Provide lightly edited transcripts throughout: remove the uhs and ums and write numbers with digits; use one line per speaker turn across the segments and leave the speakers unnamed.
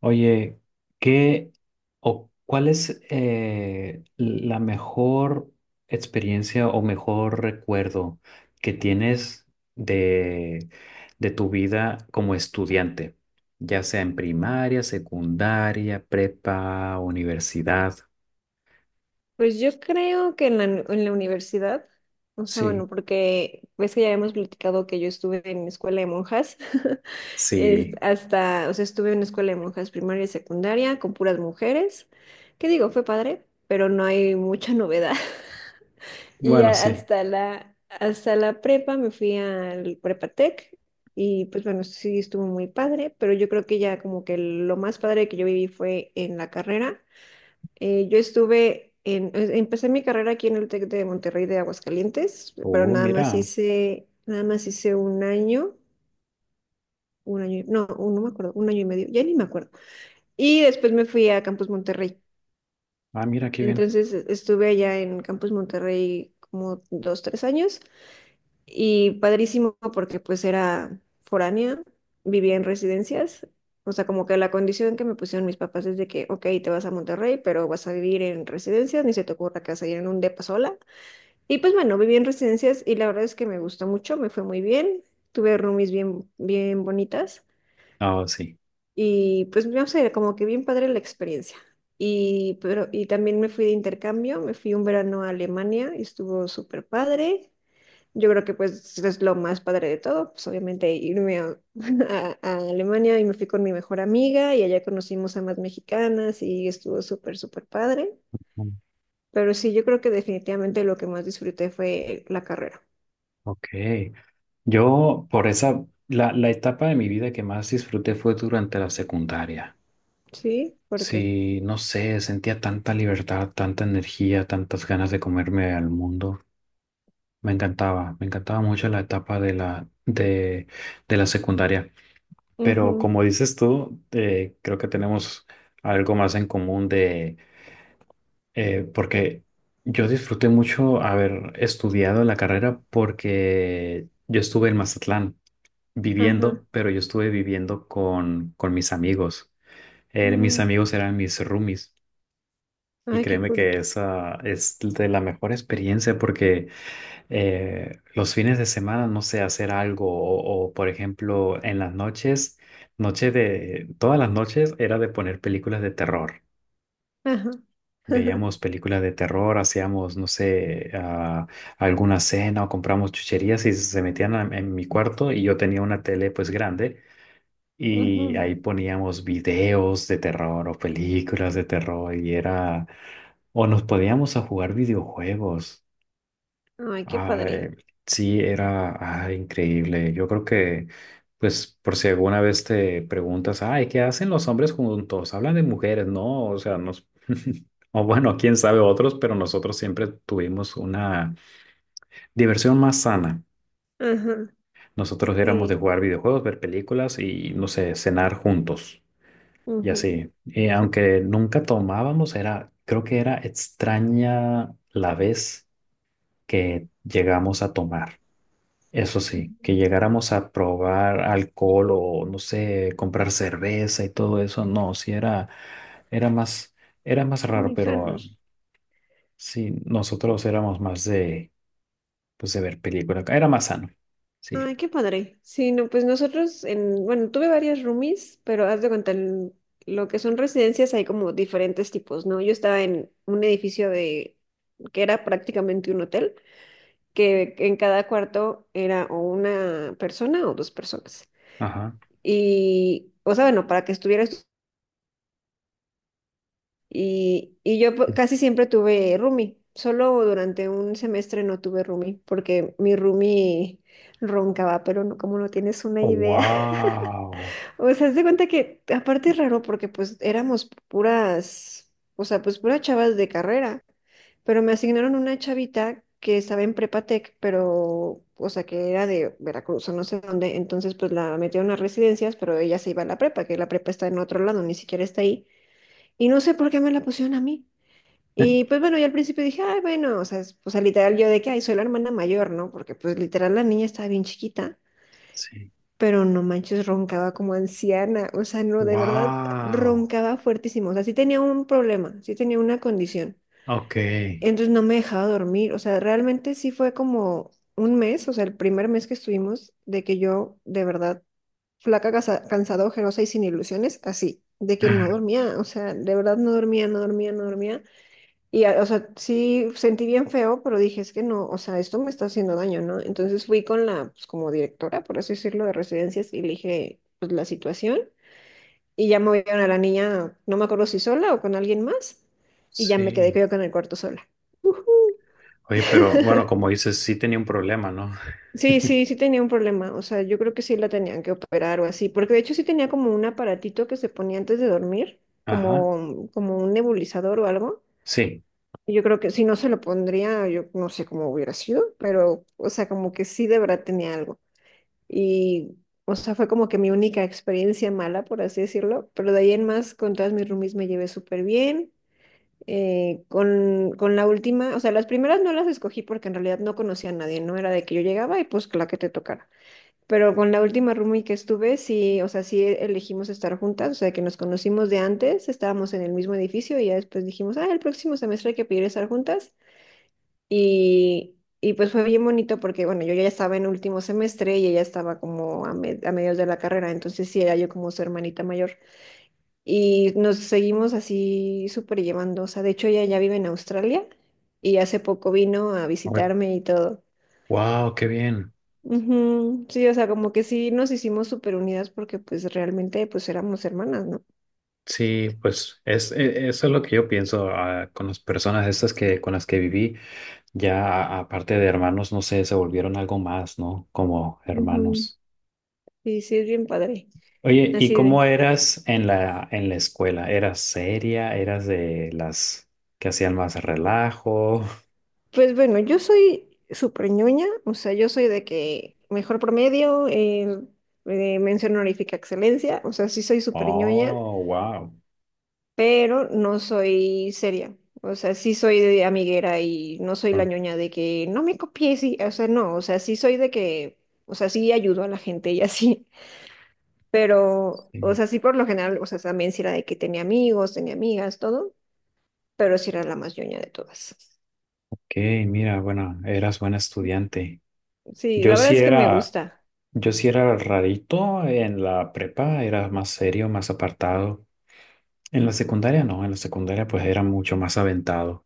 Oye, ¿qué o cuál es la mejor experiencia o mejor recuerdo que tienes de, de tu vida como estudiante? Ya sea en primaria, secundaria, prepa, universidad.
Pues yo creo que en la universidad, o sea,
Sí,
bueno, porque ves que ya habíamos platicado que yo estuve en escuela de monjas,
sí.
hasta, o sea, estuve en una escuela de monjas primaria y secundaria con puras mujeres, que digo, fue padre, pero no hay mucha novedad. Y
Bueno,
ya
sí.
hasta la prepa me fui al Prepatec y pues bueno, sí estuvo muy padre, pero yo creo que ya como que lo más padre que yo viví fue en la carrera. Yo estuve en, empecé mi carrera aquí en el TEC de Monterrey de Aguascalientes, pero
Oh, mira.
nada más hice un año, no, no me acuerdo, un año y medio, ya ni me acuerdo. Y después me fui a Campus Monterrey.
Ah, mira qué bien.
Entonces estuve allá en Campus Monterrey como dos, tres años y padrísimo porque pues era foránea, vivía en residencias. O sea, como que la condición que me pusieron mis papás es de que, ok, te vas a Monterrey, pero vas a vivir en residencias, ni se te ocurra que vas a ir en un depa sola. Y pues bueno, viví en residencias y la verdad es que me gustó mucho, me fue muy bien, tuve roomies bien, bien bonitas
Oh, sí.
y pues no sé, como que bien padre la experiencia. Y, pero, y también me fui de intercambio, me fui un verano a Alemania y estuvo súper padre. Yo creo que pues es lo más padre de todo, pues obviamente irme a, a Alemania y me fui con mi mejor amiga y allá conocimos a más mexicanas y estuvo súper, súper padre.
Mm.
Pero sí, yo creo que definitivamente lo que más disfruté fue la carrera.
Ok. Yo, por esa, la etapa de mi vida que más disfruté fue durante la secundaria.
Sí, ¿por qué?
Sí, no sé, sentía tanta libertad, tanta energía, tantas ganas de comerme al mundo. Me encantaba mucho la etapa de de, la secundaria. Pero
Ujú.
como dices tú, creo que tenemos algo más en común porque yo disfruté mucho haber estudiado la carrera porque yo estuve en Mazatlán
Ajá.
viviendo, pero yo estuve viviendo con mis amigos. Mis
Mm.
amigos eran mis roomies. Y
Ay, qué
créeme
cool.
que esa es de la mejor experiencia porque los fines de semana, no sé, hacer algo por ejemplo, en las noches, todas las noches era de poner películas de terror.
Ajá.
Veíamos películas de terror, hacíamos, no sé, alguna cena o compramos chucherías y se metían en mi cuarto y yo tenía una tele pues grande. Y ahí
Ujú.
poníamos videos de terror o películas de terror y era... O nos podíamos a jugar videojuegos.
Ay, qué
Ay,
padre.
sí, era ay, increíble. Yo creo que, pues, por si alguna vez te preguntas, ay, ¿qué hacen los hombres juntos? Hablan de mujeres, ¿no? O sea, nos... O bueno, quién sabe otros, pero nosotros siempre tuvimos una diversión más sana.
Ajá.
Nosotros éramos de
Sí.
jugar videojuegos, ver películas y, no sé, cenar juntos. Y
Ujú.
así, y aunque nunca tomábamos, era, creo que era extraña la vez que llegamos a tomar. Eso sí, que llegáramos a probar alcohol o no sé, comprar cerveza y todo eso, no, sí era, era más, era más raro,
Muy
pero
sanos.
sí, nosotros éramos más de, pues de ver películas, era más sano, sí,
Ay, qué padre. Sí, no, pues nosotros en, bueno, tuve varias roomies, pero haz de cuenta, en lo que son residencias hay como diferentes tipos, ¿no? Yo estaba en un edificio de que era prácticamente un hotel, que en cada cuarto era o una persona o dos personas.
ajá.
Y, o sea, bueno, para que estuvieras. Y yo casi siempre tuve roomie, solo durante un semestre no tuve roomie, porque mi roomie roncaba, pero no, como no tienes una idea.
Wow.
O sea, haz de cuenta que aparte es raro porque pues éramos puras, o sea, pues puras chavas de carrera, pero me asignaron una chavita que estaba en Prepatec, pero, o sea, que era de Veracruz o no sé dónde, entonces pues la metieron a residencias, pero ella se iba a la prepa, que la prepa está en otro lado, ni siquiera está ahí, y no sé por qué me la pusieron a mí. Y pues bueno, yo al principio dije, ay, bueno, o sea, o sea, literal yo de que, ay, soy la hermana mayor, ¿no? Porque pues literal la niña estaba bien chiquita,
Sí,
pero no manches, roncaba como anciana, o sea, no, de verdad,
wow,
roncaba fuertísimo, o sea, sí tenía un problema, sí tenía una condición,
ok.
entonces no me dejaba dormir, o sea, realmente sí fue como un mes, o sea, el primer mes que estuvimos, de que yo, de verdad, flaca, cansada, ojerosa y sin ilusiones, así, de que no dormía, o sea, de verdad no dormía, no dormía, no dormía. Y, o sea, sí sentí bien feo, pero dije, es que no, o sea, esto me está haciendo daño, ¿no? Entonces fui con la, pues como directora, por así decirlo, de residencias y le dije, pues la situación. Y ya movieron a la niña, no me acuerdo si sola o con alguien más. Y ya me quedé
Sí.
yo con el cuarto sola. Ujú.
Oye, pero bueno, como dices, sí tenía un problema, ¿no?
Sí, sí, sí tenía un problema. O sea, yo creo que sí la tenían que operar o así, porque de hecho sí tenía como un aparatito que se ponía antes de dormir,
Ajá.
como, como un nebulizador o algo.
Sí.
Yo creo que si no se lo pondría, yo no sé cómo hubiera sido, pero, o sea, como que sí de verdad tenía algo. Y, o sea, fue como que mi única experiencia mala, por así decirlo, pero de ahí en más, con todas mis roomies me llevé súper bien. Con la última, o sea, las primeras no las escogí porque en realidad no conocía a nadie, no era de que yo llegaba y pues la que te tocara. Pero con la última roomie que estuve, sí, o sea, sí elegimos estar juntas, o sea, que nos conocimos de antes, estábamos en el mismo edificio y ya después dijimos, ah, el próximo semestre hay que pedir estar juntas y pues fue bien bonito porque, bueno, yo ya estaba en último semestre y ella estaba como a, a mediados de la carrera, entonces sí era yo como su hermanita mayor. Y nos seguimos así súper llevando, o sea, de hecho ella ya vive en Australia y hace poco vino a visitarme y todo.
Wow, qué bien.
Ujú. Sí, o sea, como que sí nos hicimos súper unidas porque pues realmente pues éramos hermanas, ¿no?
Sí, pues eso es lo que yo pienso con las personas estas que con las que viví, ya aparte de hermanos, no sé, se volvieron algo más, ¿no? Como
Ujú.
hermanos.
Sí, sí, es bien padre,
Oye, ¿y
así
cómo
de.
eras en la escuela? ¿Eras seria? ¿Eras de las que hacían más relajo?
Pues bueno, yo soy súper ñoña, o sea, yo soy de que mejor promedio, mención honorífica excelencia, o sea, sí soy súper ñoña,
Oh, wow.
pero no soy seria, o sea, sí soy de amiguera y no soy la ñoña de que no me copies, y, o sea, no, o sea, sí soy de que, o sea, sí ayudo a la gente y así, pero, o sea, sí por lo general, o sea, también sí era de que tenía amigos, tenía amigas, todo, pero sí era la más ñoña de todas.
Ok, mira, bueno, eras buen estudiante.
Sí,
Yo
la verdad
sí
es que me
era,
gusta.
yo sí era rarito en la prepa, era más serio, más apartado. En la secundaria no, en la secundaria pues era mucho más aventado.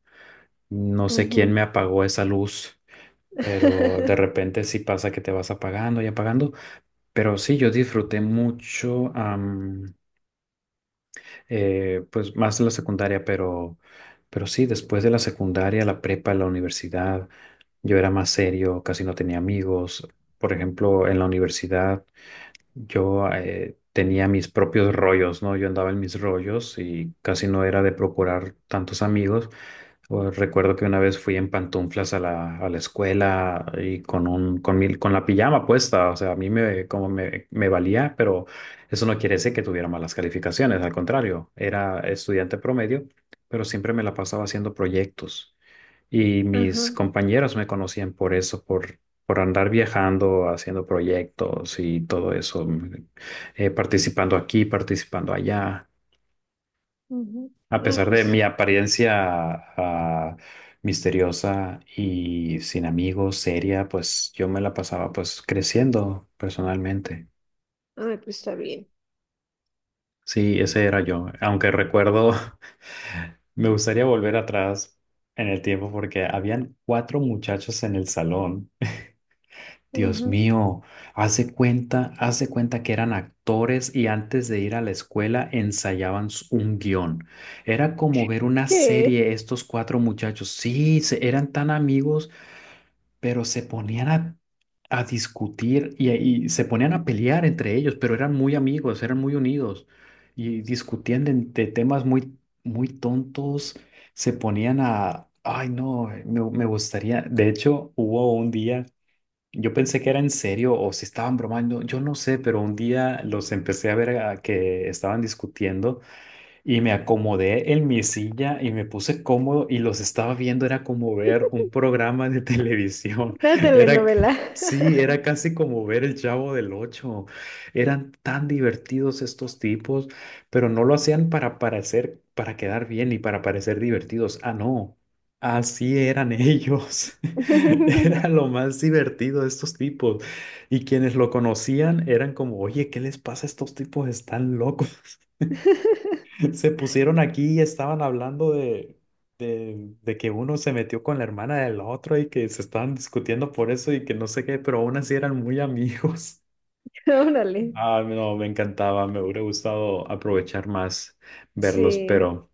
No sé quién me
Ujú.
apagó esa luz, pero de repente sí pasa que te vas apagando y apagando. Pero sí, yo disfruté mucho, pues más de la secundaria, pero sí, después de la secundaria, la prepa, la universidad, yo era más serio, casi no tenía amigos. Por ejemplo, en la universidad yo tenía mis propios rollos, ¿no? Yo andaba en mis rollos y casi no era de procurar tantos amigos. O recuerdo que una vez fui en pantuflas a a la escuela y con un, con con la pijama puesta. O sea, a mí me, como me valía, pero eso no quiere decir que tuviera malas calificaciones. Al contrario, era estudiante promedio, pero siempre me la pasaba haciendo proyectos. Y mis
Ajá,
compañeros me conocían por eso, por andar viajando, haciendo proyectos y todo eso, participando aquí, participando allá.
ujú.
A
Ah,
pesar de mi
pues,
apariencia ah, misteriosa y sin amigos, seria, pues yo me la pasaba pues creciendo personalmente.
ah, pues está bien.
Sí, ese era yo. Aunque recuerdo, me gustaría volver atrás en el tiempo porque habían cuatro muchachos en el salón. Dios
Ajá.
mío, hace cuenta que eran actores y antes de ir a la escuela ensayaban un guión. Era como ver una
¿Qué?
serie, estos cuatro muchachos. Sí, eran tan amigos, pero se ponían a discutir y se ponían a pelear entre ellos, pero eran muy amigos, eran muy unidos y discutían de temas muy, muy tontos. Se ponían a, ay no, me gustaría, de hecho, hubo un día yo pensé que era en serio o si estaban bromando, yo no sé, pero un día los empecé a ver a que estaban discutiendo. Y me acomodé en mi silla y me puse cómodo y los estaba viendo, era como ver un programa de televisión.
Una telenovela.
Sí, era casi como ver El Chavo del Ocho. Eran tan divertidos estos tipos, pero no lo hacían para parecer, para quedar bien y para parecer divertidos. Ah, no. Así eran ellos. Era lo más divertido de estos tipos. Y quienes lo conocían eran como, oye, ¿qué les pasa a estos tipos? Están locos. Se pusieron aquí y estaban hablando de que uno se metió con la hermana del otro y que se estaban discutiendo por eso y que no sé qué, pero aún así eran muy amigos.
Órale.
Ah, no, me encantaba, me hubiera gustado aprovechar más verlos,
Sí.
pero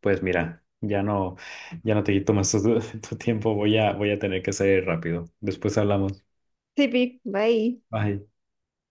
pues mira, ya no te quito más tu, tu tiempo, voy a tener que salir rápido. Después hablamos.
Sí, vi. Bye.
Bye.